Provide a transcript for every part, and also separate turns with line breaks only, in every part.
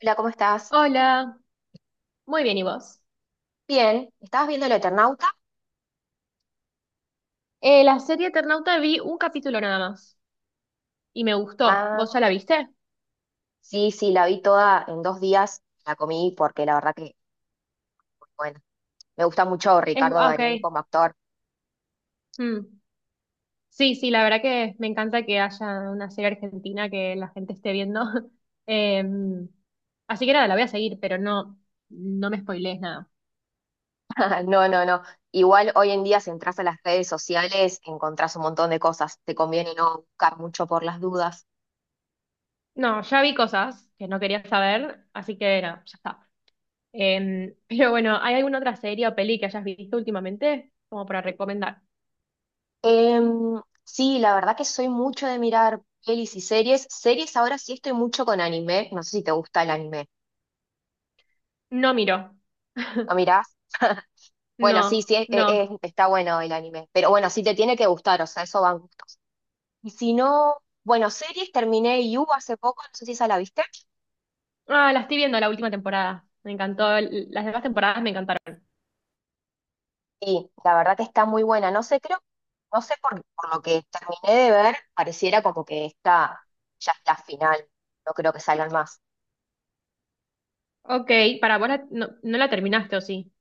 Hola, ¿cómo estás?
Hola, muy bien, ¿y vos?
Bien, ¿estabas viendo El Eternauta?
La serie Eternauta vi un capítulo nada más y me gustó.
Ah,
¿Vos ya la viste?
sí, sí, la vi toda en dos días, la comí porque la verdad que, bueno, me gusta mucho Ricardo
Ah, ok.
Darín como actor.
Mm. Sí, sí, la verdad que me encanta que haya una serie argentina que la gente esté viendo. Em, Así que nada, la voy a seguir, pero no, no me spoilees nada.
No, no, no. Igual hoy en día si entras a las redes sociales encontrás un montón de cosas, te conviene no buscar mucho por las dudas.
No, ya vi cosas que no quería saber, así que no, ya está. Pero bueno, ¿hay alguna otra serie o peli que hayas visto últimamente como para recomendar?
Sí, la verdad que soy mucho de mirar pelis y series. Series ahora sí estoy mucho con anime, no sé si te gusta el anime.
No miro,
¿Lo mirás? Bueno, sí,
no,
sí,
no.
está bueno el anime, pero bueno, sí te tiene que gustar, o sea, eso van gustos. Y si no, bueno, series terminé You hace poco, no sé si esa la viste,
Ah, la estoy viendo la última temporada. Me encantó. Las demás temporadas me encantaron.
sí, la verdad que está muy buena, no sé, creo, no sé por lo que terminé de ver, pareciera como que esta ya es la final, no creo que salgan más.
Ok, para vos no, no la terminaste, ¿o sí?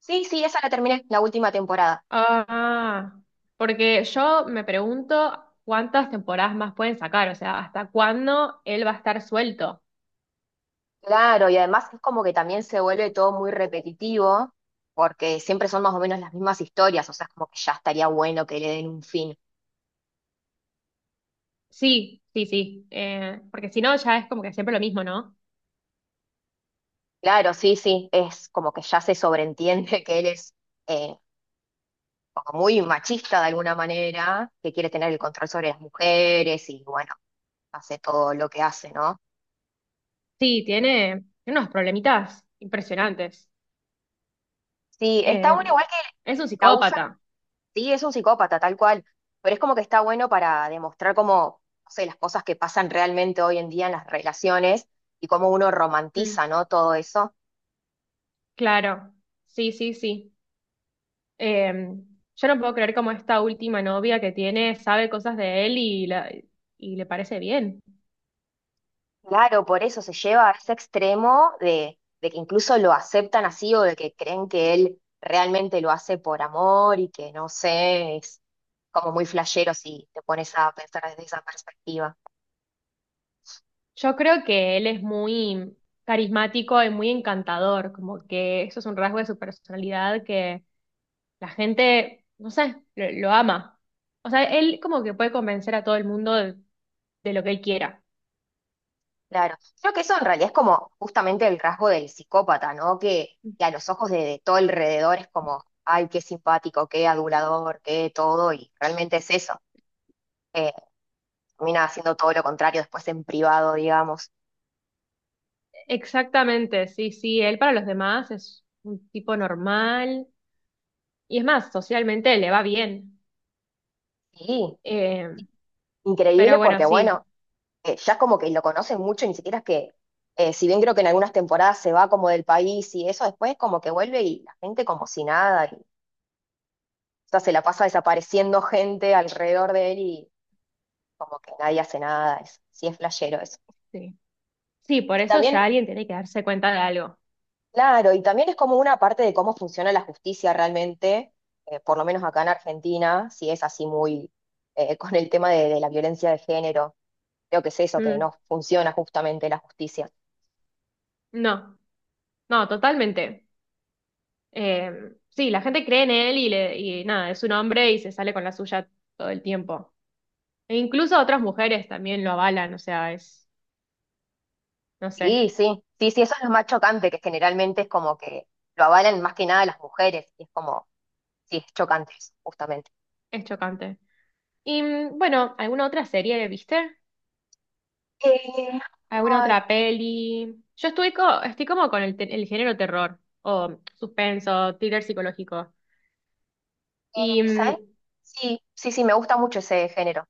Sí, sí, esa la terminé, la última temporada.
Ah, porque yo me pregunto cuántas temporadas más pueden sacar, o sea, ¿hasta cuándo él va a estar suelto?
Claro, y además es como que también se vuelve todo muy repetitivo, porque siempre son más o menos las mismas historias, o sea, es como que ya estaría bueno que le den un fin.
Sí, sí, sí. Porque si no, ya es como que siempre lo mismo, ¿no?
Claro, sí, sí, es como que ya se sobreentiende que él es eh, como muy machista de alguna manera, que quiere tener el control sobre las mujeres y bueno, hace todo lo que hace, ¿no?
Sí, tiene unos problemitas impresionantes.
Sí, está
Eh,
bueno igual que
es un
la usa,
psicópata.
sí, es un psicópata tal cual, pero es como que está bueno para demostrar cómo, no sé, las cosas que pasan realmente hoy en día en las relaciones y cómo uno
Mm,
romantiza, ¿no? Todo eso.
claro. Sí, sí, sí. Eh, yo no puedo creer cómo esta última novia que tiene sabe cosas de él y le parece bien.
Claro, por eso se lleva a ese extremo de que incluso lo aceptan así o de que creen que él realmente lo hace por amor y que no sé, es como muy flashero si te pones a pensar desde esa perspectiva.
Yo creo que él es muy carismático y muy encantador, como que eso es un rasgo de su personalidad que la gente, no sé, lo ama. O sea, él como que puede convencer a todo el mundo de lo que él quiera.
Claro, creo que eso en realidad es como justamente el rasgo del psicópata, ¿no? Que a los ojos de todo alrededor es como, ay, qué simpático, qué adulador, qué todo, y realmente es eso. Eh, Termina haciendo todo lo contrario después en privado, digamos.
Exactamente, sí, sí, él para los demás es un tipo normal y es más, socialmente le va bien.
Sí,
Eh, pero
increíble
bueno,
porque
sí.
bueno, ya es como que lo conocen mucho, ni siquiera es que, si bien creo que en algunas temporadas se va como del país y eso, después como que vuelve y la gente como si nada, y, o sea, se la pasa desapareciendo gente alrededor de él y como que nadie hace nada, es, sí, es flashero eso.
Sí. Sí, por
Y
eso
también,
ya alguien tiene que darse cuenta de algo.
claro, y también es como una parte de cómo funciona la justicia realmente, por lo menos acá en Argentina, si es así muy con el tema de la violencia de género, creo que es eso, que
Mm,
no funciona justamente la justicia.
no, no, totalmente. Eh, sí, la gente cree en él y nada, es un hombre y se sale con la suya todo el tiempo. E incluso otras mujeres también lo avalan, o sea, no
Sí,
sé,
sí, sí, sí, eso es lo más chocante, que generalmente es como que lo avalan más que nada las mujeres, y es como, sí, es chocante eso, justamente.
es chocante. Y bueno, ¿alguna otra serie viste?
Eh,
¿Alguna
ay,
otra peli? Yo estoy, estoy como con el, el género terror o suspenso, thriller psicológico. Y
¿sabes? Sí, sí, sí, me gusta mucho ese género.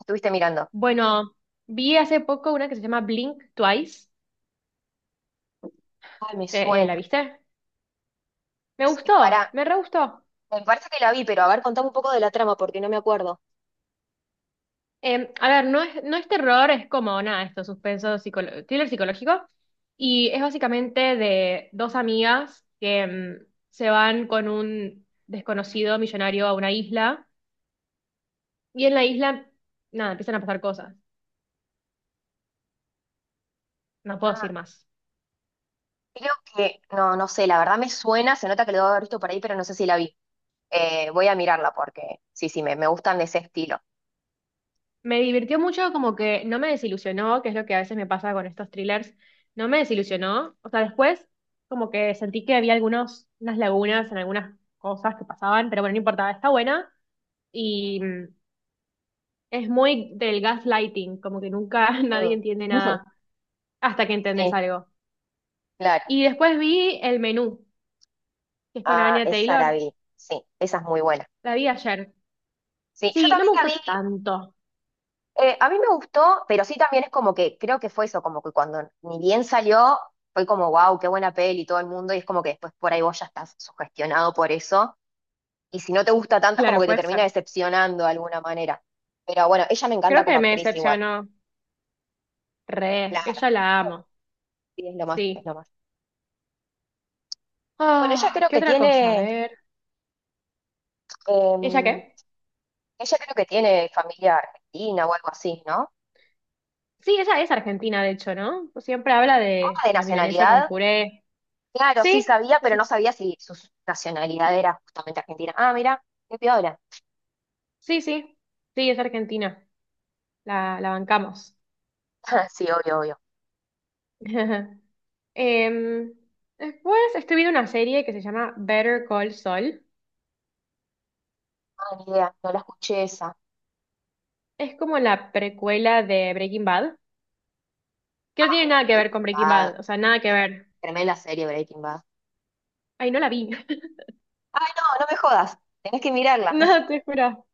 Estuviste mirando.
bueno, vi hace poco una que se llama Blink Twice.
Ay, me
¿la
suena.
viste? Me
Sí,
gustó, me re gustó.
me parece que la vi, pero a ver, contame un poco de la trama porque no me acuerdo.
A ver, no es, no es terror, es como nada, esto, suspenso, thriller psicológico. Y es básicamente de dos amigas que se van con un desconocido millonario a una isla. Y en la isla, nada, empiezan a pasar cosas. No puedo
Ah,
decir más.
creo que, no, no sé, la verdad me suena, se nota que lo debo haber visto por ahí, pero no sé si la vi. Voy a mirarla porque, sí, sí, me gustan de ese estilo.
Me divirtió mucho, como que no me desilusionó, que es lo que a veces me pasa con estos thrillers, no me desilusionó. O sea, después como que sentí que había algunos, unas lagunas en algunas cosas que pasaban, pero bueno, no importaba, está buena y es muy del gaslighting, como que nunca nadie
Mm.
entiende nada hasta que entendés
Sí,
algo.
claro.
Y después vi El Menú, que es con
Ah,
Anya
esa la
Taylor,
vi. Sí, esa es muy buena.
la vi ayer.
Sí, yo
Sí, no me
también la
gustó
vi.
tanto,
A mí me gustó, pero sí también es como que creo que fue eso, como que cuando ni bien salió, fue como, wow, qué buena peli todo el mundo, y es como que después por ahí vos ya estás sugestionado por eso. Y si no te gusta tanto, es como
claro,
que te
puede ser.
termina decepcionando de alguna manera. Pero bueno, ella me encanta
Creo
como
que me
actriz igual,
decepcionó, re,
claro.
ella la amo,
Sí, es lo más, es
sí.
lo más. Bueno, ella
Ah,
creo
¿qué
que
otra cosa? A
tiene,
ver. ¿Ella
em,
qué?
ella creo que tiene familia argentina o algo así, ¿no?
Sí, ella es argentina, de hecho, ¿no? Siempre habla
Ah,
de
de
la milanesa con
nacionalidad.
puré.
Claro, sí
Sí,
sabía,
es-
pero no sabía si su nacionalidad era justamente argentina. Ah, mira, qué piola.
sí, sí. Sí, es argentina. La bancamos.
Sí, obvio, obvio.
Em, Después estoy viendo una serie que se llama Better Call Saul.
Ah, ni idea, no la escuché esa.
Es como la precuela de Breaking Bad, que no tiene nada que ver
Breaking
con Breaking
Bad,
Bad, o sea, nada que
pero
ver.
tremenda serie Breaking Bad.
Ay, no la vi.
Ay, no, no me jodas, tenés que mirarla.
No, te juro.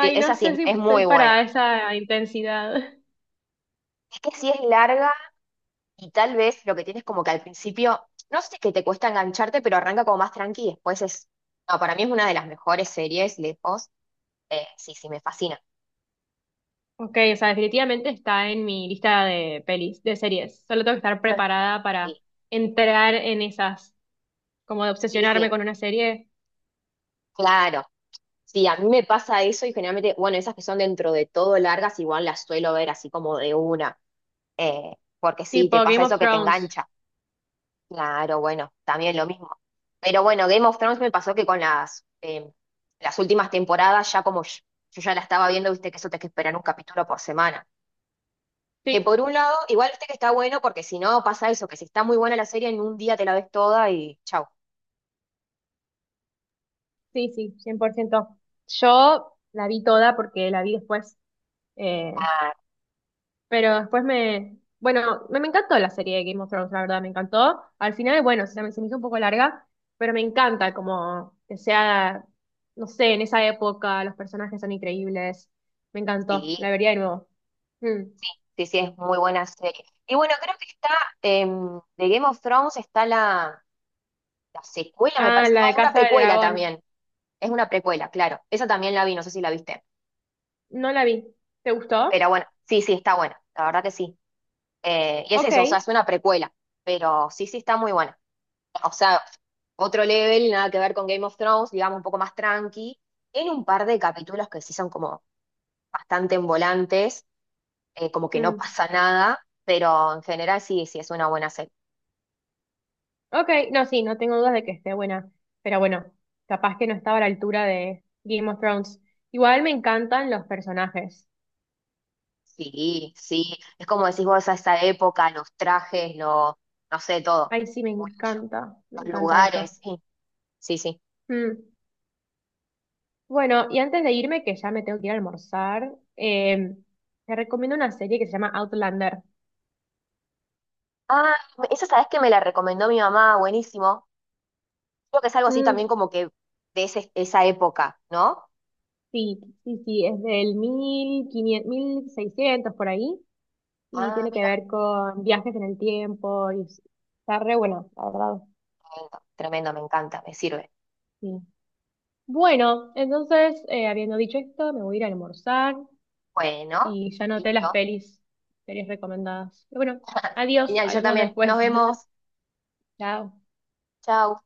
Sí,
no
esa sí,
sé si
es
estoy
muy
para
buena.
esa intensidad.
Es que sí es larga y tal vez lo que tienes como que al principio, no sé, que te cuesta engancharte, pero arranca como más tranqui y después es, no, para mí es una de las mejores series, lejos. Sí, sí, me fascina.
Ok, o sea, definitivamente está en mi lista de pelis, de series. Solo tengo que estar preparada para
Sí,
entrar en esas, como de
sí,
obsesionarme
sí,
con una serie
claro. Sí, a mí me pasa eso y generalmente, bueno, esas que son dentro de todo largas, igual las suelo ver así como de una, eh, porque sí, te
tipo
pasa
Game of
eso que te
Thrones.
engancha. Claro, bueno, también lo mismo. Pero bueno, Game of Thrones me pasó que con las, las últimas temporadas, ya como yo ya la estaba viendo, viste que eso te que esperar un capítulo por semana. Que
Sí,
por un lado, igual viste que está bueno, porque si no pasa eso, que si está muy buena la serie, en un día te la ves toda y chau.
sí, sí, 100%. Yo la vi toda porque la vi después. eh,
Ah,
Pero después me, bueno, me encantó la serie de Game of Thrones, la verdad, me encantó. Al final, bueno, se me hizo un poco larga, pero me encanta como que sea, no sé, en esa época los personajes son increíbles. Me encantó,
sí.
la vería de nuevo. Mm.
Sí, sí, es muy buena serie. Y bueno, creo que está, de Game of Thrones está la secuela, me
Ah,
parece.
la
No,
de
es una
Casa de
precuela
Dragón.
también. Es una precuela, claro. Esa también la vi, no sé si la viste.
No la vi. ¿Te
Pero
gustó?
bueno, sí, sí, está buena. La verdad que sí. Y es
Ok.
eso, o sea, es una precuela. Pero sí, sí, está muy buena. O sea, otro level, nada que ver con Game of Thrones, digamos, un poco más tranqui. Tiene un par de capítulos que sí son como bastante envolantes, como que no
Mm.
pasa nada. Pero en general sí, sí, es una buena serie.
Ok, no, sí, no tengo dudas de que esté buena, pero bueno, capaz que no estaba a la altura de Game of Thrones. Igual me encantan los personajes.
Sí, sí, es como decís vos a esa época, los trajes, lo, no sé, todo.
Ay, sí,
Muy bello.
me
Los
encanta eso.
lugares, sí, sí, sí.
Mm. Bueno, y antes de irme, que ya me tengo que ir a almorzar, te recomiendo una serie que se llama Outlander.
Ah, esa sabes que me la recomendó mi mamá, buenísimo. Creo que es algo así
Mm,
también como que de esa época, ¿no?
sí, sí, sí, es del 1500, 1600 por ahí, y
Ah,
tiene que
mira,
ver con viajes en el tiempo, y está re bueno, la verdad,
tremendo, tremendo, me encanta, me sirve.
sí. Bueno, entonces, habiendo dicho esto, me voy a ir a almorzar,
Bueno,
y ya anoté las
listo.
pelis, series recomendadas. Pero bueno, adiós,
Genial, yo
hablamos
también. Nos
después.
vemos.
Chao.
Chao.